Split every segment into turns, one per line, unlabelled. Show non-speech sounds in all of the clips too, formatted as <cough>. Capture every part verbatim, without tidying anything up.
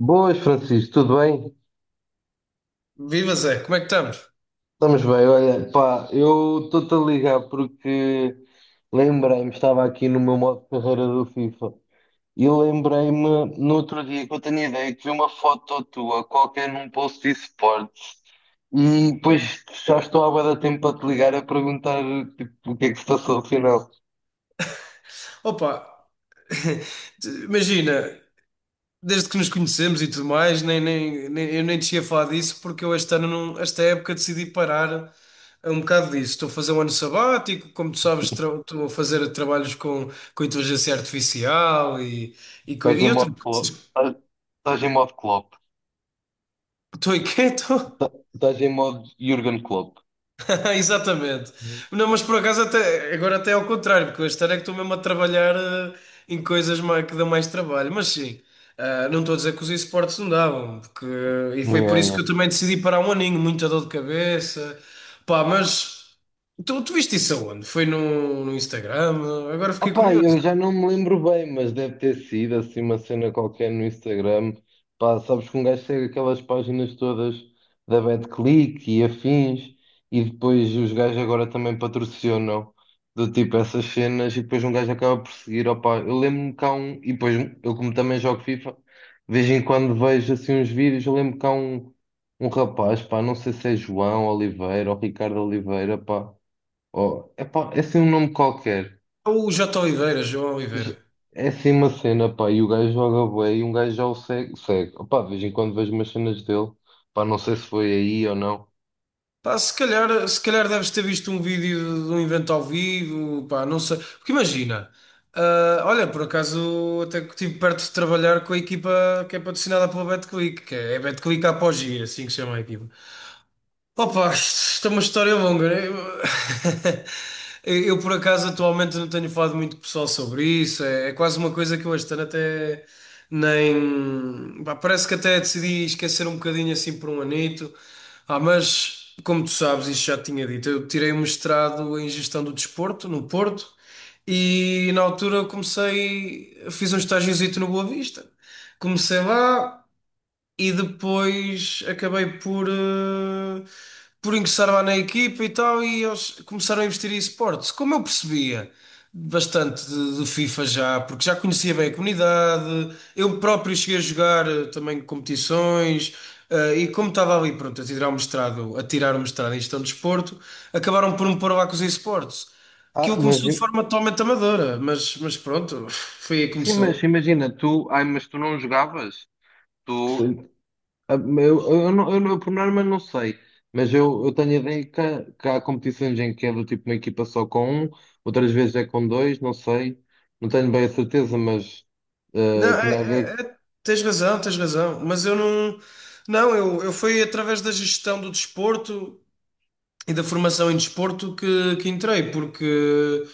Boas, Francisco, tudo bem?
Viva Zé, como é que estamos?
Estamos bem, olha, pá, eu estou-te a ligar porque lembrei-me, estava aqui no meu modo de carreira do FIFA e lembrei-me no outro dia que eu tenho ideia que vi uma foto tua qualquer num post de esportes e depois já estou há bué de tempo para te ligar a perguntar tipo, o que é que se passou afinal.
Opa, t- imagina, desde que nos conhecemos e tudo mais, nem, nem, nem- eu nem te ia falar disso porque eu este ano, não, esta época, decidi parar um bocado disso. Estou a fazer um ano sabático, como tu sabes, tra- estou a fazer trabalhos com, com inteligência artificial e, e, coi-
Estás em
e outras
modo Klopp,
coisas.
estás estás em modo Klopp,
Estou inquieto.
estás
<laughs>
estás em modo Jürgen Klopp.
<laughs> Exatamente. Não, mas por acaso até, agora até é ao contrário, porque este ano é que estou mesmo a trabalhar eh, em coisas mais, que dão mais trabalho. Mas sim, ah, não estou a dizer que os esportes não davam, porque, e foi por
Yeah,
isso
yeah.
que eu também decidi parar um aninho, muita dor de cabeça. Pá, mas tu, tu viste isso aonde? Foi no, no Instagram? Agora fiquei
Opá,
curioso.
eu já não me lembro bem, mas deve ter sido assim uma cena qualquer no Instagram. Pá, sabes que um gajo segue aquelas páginas todas da BetClick e afins, e depois os gajos agora também patrocinam do tipo essas cenas, e depois um gajo acaba por seguir. Opá, eu lembro-me que há um, e depois eu, como também jogo FIFA, de vez em quando vejo assim uns vídeos. Eu lembro que há um, um rapaz, pá, não sei se é João Oliveira ou Ricardo Oliveira, pá, ou, é pá, é assim um nome qualquer.
O J. Oliveira, João Oliveira.
J- É assim uma cena, pá, e o gajo joga bué e um gajo já o segue, segue. Opá, de vez em quando vejo umas cenas dele, pá, não sei se foi aí ou não.
Pá, se calhar, se calhar deves ter visto um vídeo de um evento ao vivo, pá, não sei. Porque imagina, ah, olha, por acaso até que estive perto de trabalhar com a equipa que é patrocinada pela BetClick, que é a BetClick Apogee, é assim que se chama a equipa. Opa, isto isto é uma história longa, né? Eu, <laughs> eu, eu, por acaso, atualmente não tenho falado muito com o pessoal sobre isso. É, é quase uma coisa que eu este ano até nem, pá, parece que até decidi esquecer um bocadinho assim por um anito. Ah, mas, como tu sabes, isto já te tinha dito, eu tirei um mestrado em Gestão do Desporto, no Porto, e na altura comecei. Fiz um estágiozito no Boa Vista. Comecei lá e depois acabei por, eh, por ingressar lá na equipa e tal, e eles começaram a investir em esportes. Como eu percebia bastante de, de FIFA já, porque já conhecia bem a comunidade, eu próprio cheguei a jogar eh, também competições, eh, e como estava ali, pronto, a tirar o mestrado, a tirar o mestrado em gestão de desporto, acabaram por me pôr lá com os esportes.
Ah,
Aquilo
mas
começou de
im-
forma totalmente amadora, mas, mas pronto, <laughs> foi aí que
sim, mas
começou.
imagina, tu, ai, mas tu não jogavas? Tu, ah, eu, eu, não- eu, não- por norma não sei, mas eu, eu tenho a ideia que, há- que há competições em que é do tipo uma equipa só com um, outras vezes é com dois, não sei, não tenho bem a certeza, mas ah,
Não,
eu tinha a ver,
é- é- é- tens razão, tens razão. Mas eu não. Não, eu, eu fui através da gestão do desporto e da formação em desporto que, que entrei, porque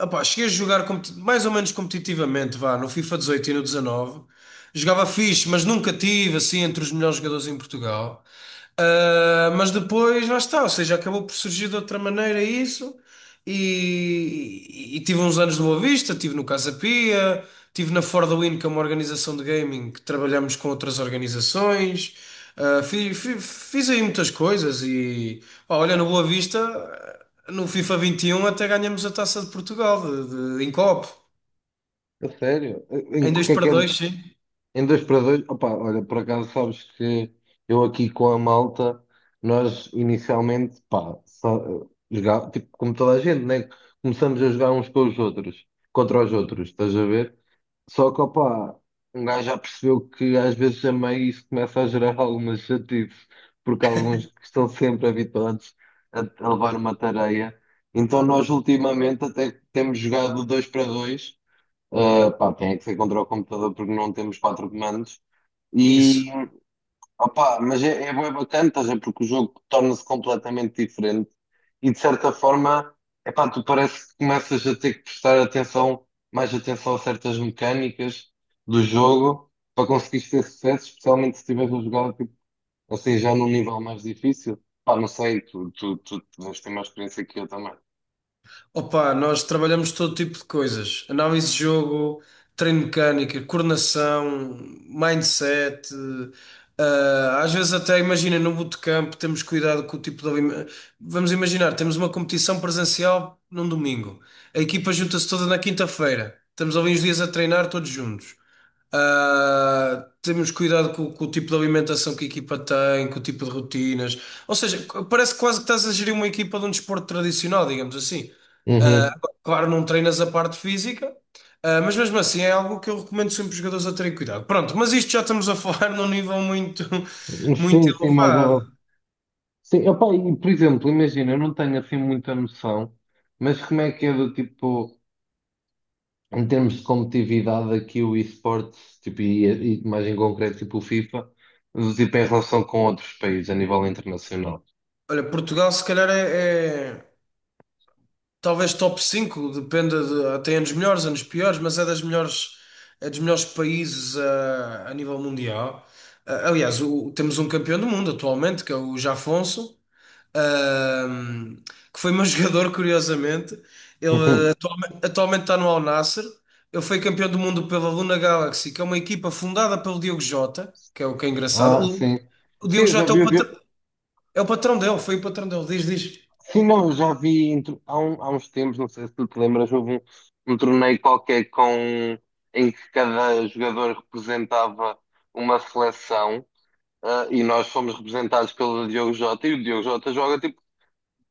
opá, cheguei a jogar competi- mais ou menos competitivamente, vá, no FIFA dezoito e no dezanove. Jogava fixe, mas nunca tive assim entre os melhores jogadores em Portugal. Ah, mas depois lá está, ou seja, acabou por surgir de outra maneira isso, e, e- tive uns anos de Boa Vista, tive no Casa Pia, tive na For the Win, que é uma organização de gaming que trabalhamos com outras organizações. Ah, fi- fi- fiz aí muitas coisas e pá, olha, no Boa Vista, no FIFA vinte e um até ganhamos a Taça de Portugal de, de- em copo,
a sério, em
em dois para
qualquer
dois, sim,
Em dois para dois, opa, olha, por acaso sabes que eu aqui com a malta, nós inicialmente, pá, só, eh, jogar, tipo, como toda a gente, né? Começamos a jogar uns com os outros, contra os outros, estás a ver? Só que, opa, um gajo já percebeu que às vezes a meio isso começa a gerar <laughs> algumas chatices, porque alguns que estão sempre habituados a, a levar uma tareia. Então nós ultimamente até temos jogado dois para dois, ah, pá, tem é que ser contra o computador porque não temos quatro comandos.
isso.
E opá, mas é, é bué bacana, estás a ver, porque o jogo torna-se completamente diferente e de certa forma, epá, tu parece que começas a ter que prestar atenção, mais atenção a certas mecânicas do jogo para conseguires ter sucesso, especialmente se estiveres a jogar tipo, assim já num nível mais difícil. Pá, não sei, tu, tu, tu deves ter mais experiência que eu também.
Opa, nós trabalhamos todo tipo de coisas: análise de jogo, treino mecânica, coordenação, mindset. Ah, às vezes, até imagina no bootcamp, temos cuidado com o tipo de, alime- vamos imaginar, temos uma competição presencial num domingo, a equipa junta-se toda na quinta-feira, estamos ali uns dias a treinar todos juntos. Ah, temos cuidado com, com o tipo de alimentação que a equipa tem, com o tipo de rotinas. Ou seja, c- parece quase que estás a gerir uma equipa de um desporto tradicional, digamos assim. Ah,
Uhum.
claro, não treinas a parte física, ah, mas mesmo assim é algo que eu recomendo sempre os jogadores a terem cuidado. Pronto, mas isto já estamos a falar <laughs> num nível muito, muito
Sim, sim, mais ou
elevado.
Sim, opá, e, por exemplo, imagina, eu não tenho assim muita noção, mas como é que é do tipo. Em termos de competitividade aqui o esportes, tipo, e, e mais em concreto tipo o FIFA, tipo em relação com outros países a nível internacional.
Olha, Portugal se calhar é, é- talvez top cinco, dependa de, tem anos melhores, anos piores, mas é das melhores, é dos melhores países ah, a nível mundial. Ah, aliás, o- temos um campeão do mundo atualmente, que é o Jafonso, ah, que foi meu <laughs> jogador, curiosamente. Ele
<laughs>
ah, atualmente está no Al Nassr. Ele foi campeão do mundo pela Luna Galaxy, que é uma equipa fundada pelo Diogo Jota, que é o que é engraçado.
Ah,
O,
sim.
o
Sim,
Diogo
eu já
Jota é
vi,
o
eu
patrão,
vi-
é o patrão dele, foi o patrão dele, diz, diz.
sim, não, eu já vi entre- há, um- há uns tempos, não sei se tu te lembras, houve um, um torneio qualquer com, em que cada jogador representava uma seleção, ah, e nós fomos representados pelo Diogo Jota, e o Diogo Jota joga tipo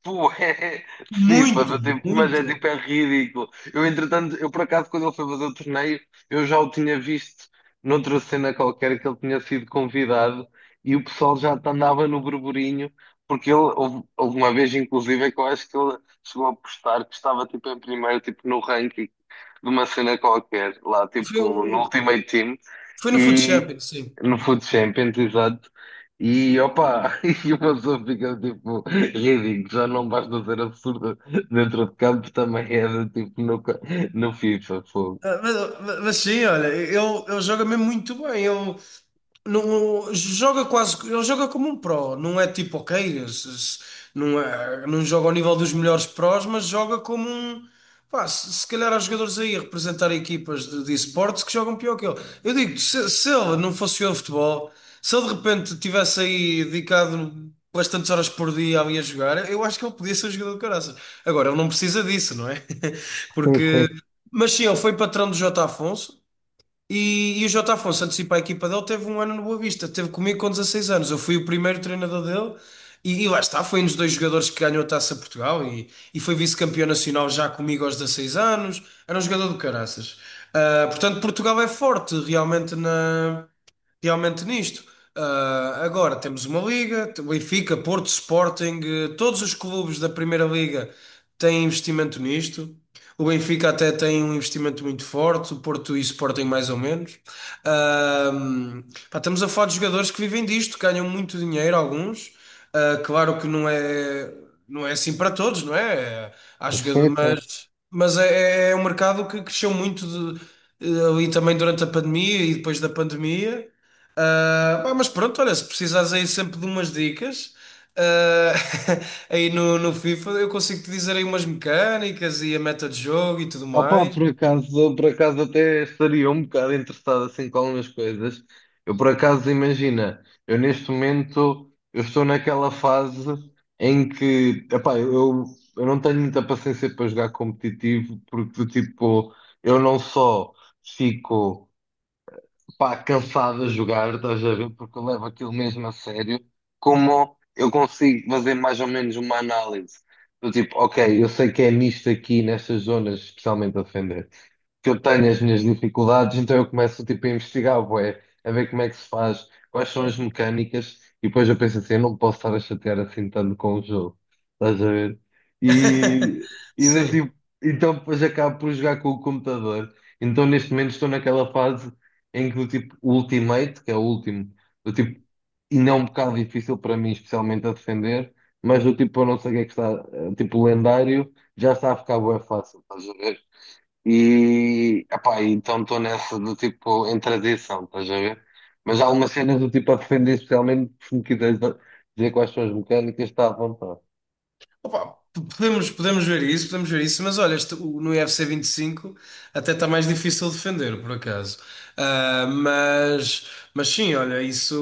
Pô, é é, FIFA,
Muito,
do tipo, mas é
muito.
tipo, é ridículo. Eu, entretanto, eu por acaso, quando ele foi fazer o torneio, eu já o tinha visto noutra cena qualquer que ele tinha sido convidado e o pessoal já andava no burburinho, porque ele, houve, houve uma vez, inclusive, é que eu acho que ele chegou a postar que estava tipo em primeiro, tipo no ranking de uma cena qualquer, lá,
Foi
tipo, no
um-
Ultimate Team
Foi no Food
e
Champions, sim.
no Food Champions, exato. E opa, <laughs> e o pessoa fica tipo. Ridículo, já não basta ser absurdo dentro de campo, também é de tipo no, ca- no FIFA, fogo.
Ah, Mas, mas sim, olha, ele, ele joga mesmo muito bem. Ele, Não, joga quase, ele joga como um pro, não é tipo, ok, se- se- não é, não joga ao nível dos melhores prós, mas joga como um, pá, se, se calhar há jogadores aí a representar equipas de, de esportes que jogam pior que ele. Eu digo, se, se ele não fosse o futebol, se ele de repente tivesse aí dedicado pelas horas por dia ali a jogar, eu acho que ele podia ser um jogador de caraças. Agora, ele não precisa disso, não é? <laughs>
Sim,
Porque,
sim,
mas sim, ele foi patrão do J. Afonso, e, e o Jota Afonso antecipa a equipa dele, teve um ano no Boa Vista, teve comigo com dezasseis anos. Eu fui o primeiro treinador dele e, e lá está, foi um dos dois jogadores que ganhou a Taça de Portugal e, e foi vice-campeão nacional já comigo aos dezasseis anos. Era um jogador do caraças. Ah, portanto, Portugal é forte realmente na realmente nisto. Ah, agora temos uma liga, t- Benfica, Porto, Sporting, eh, todos os clubes da Primeira Liga têm investimento nisto. O Benfica até tem um investimento muito forte, o Porto e o Sporting mais ou menos. Ah, pá, estamos a falar de jogadores que vivem disto, ganham muito dinheiro, alguns. Ah, claro que não é, não é assim para todos, não é? Há
sim,
jogadores,
sim.
mas, mas é, é é um mercado que cresceu muito, de- eh, ali também durante a pandemia e depois da pandemia. Ah, pá, mas pronto, olha, se precisares aí sempre de umas dicas, ah, <laughs> aí no, no FIFA eu consigo te dizer aí umas mecânicas e a meta de jogo e tudo
Opa,
mais.
por acaso, por acaso até estaria um bocado interessado assim com algumas coisas. Eu por acaso, imagina, eu neste momento, eu estou naquela fase em que, epá, eu, eu não tenho muita paciência para jogar competitivo, porque do tipo, eu não só fico pá, cansado de jogar, estás a ver? Porque eu levo aquilo mesmo a sério. Como eu consigo fazer mais ou menos uma análise do tipo, ok, eu sei que é nisto aqui, nestas zonas, especialmente a defender que eu tenho as minhas dificuldades, então eu começo tipo, a investigar, bué, a ver como é que se faz, quais são as mecânicas, e depois eu penso assim, eu não posso estar a chatear assim tanto com o jogo, estás a ver?
<laughs>
E, e do
Sim.
tipo, então depois acabo por jogar com o computador. Então neste momento estou naquela fase em que do tipo o Ultimate, que é o último, do tipo, e não é um bocado difícil para mim, especialmente a defender, mas do tipo, eu não sei o que é que está, eh, tipo, lendário, já está a ficar bué fácil, estás a ver? E, epá, então estou nessa do tipo, em transição, estás a ver? Mas há algumas cenas do tipo a defender, especialmente se me quiseres dizer quais são as mecânicas, está à vontade. <laughs>
Opa, p- podemos, podemos ver isso, podemos ver isso, mas olha, este- o- no U F C vinte e cinco até está mais difícil defender, por acaso. Ah, mas, mas sim, olha, isso.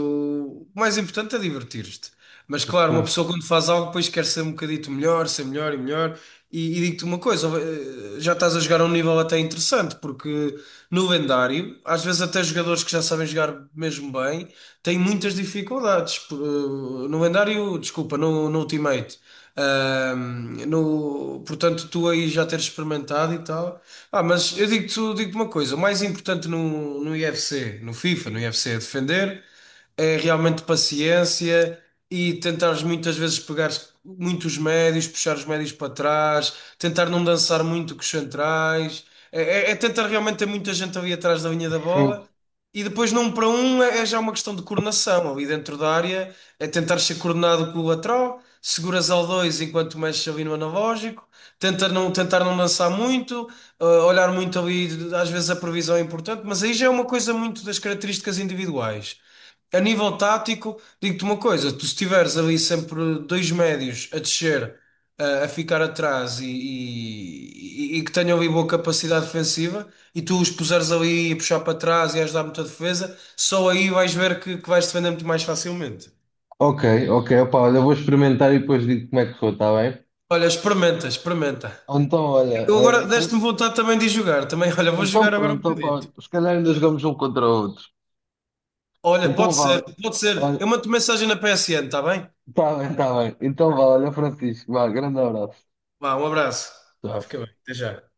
O mais importante é divertir-te. Mas claro, uma
Hum,
pessoa quando faz algo depois quer ser um bocadito melhor, ser melhor e melhor. E, e digo-te uma coisa, eh, já estás a jogar a um nível até interessante, porque no lendário, às vezes às vezes até jogadores que já sabem jogar mesmo bem têm muitas dificuldades p- no lendário, desculpa, no, no Ultimate. Ahm, no, portanto, tu aí já teres experimentado e tal. Ah, mas eu digo-te digo-te uma coisa: o mais importante no, no U F C, no FIFA, no U F C é defender, é realmente paciência e tentares muitas vezes pegar muitos médios, puxar os médios para trás, tentar não dançar muito com os centrais, é, é- é tentar realmente ter muita gente ali atrás da linha da
hum.
bola, e depois num para um é é já uma questão de coordenação. Ali dentro da área é tentar ser coordenado com o lateral, seguras ao dois enquanto mexes ali no analógico, tenta não, tentar não lançar muito, eh, olhar muito ali, às vezes a previsão é importante, mas aí já é uma coisa muito das características individuais. A nível tático, digo-te uma coisa, tu se tiveres ali sempre dois médios a descer, a, a ficar atrás e, e- e que tenham ali boa capacidade defensiva e tu os puseres ali a puxar para trás e a ajudar muito a defesa, só aí vais ver que, que vais defender muito mais facilmente.
Ok, ok, opá, olha, vou experimentar e depois digo como é que foi, está bem?
Olha, experimenta, experimenta.
Então, olha,
Eu agora
eh, Fran-
deste-me vontade também de jogar. Também, <laughs> olha, vou
então
jogar agora um
pronto, opá,
bocadito.
se calhar ainda jogamos um contra o outro.
Olha,
Então
pode ser,
vá,
pode ser. Eu
olha,
mando mensagem na P S N, está bem?
está bem, está bem. Então vá, olha, Francisco, vá, grande abraço.
Vá, um abraço. Vá,
Tchau.
fica bem. Até já.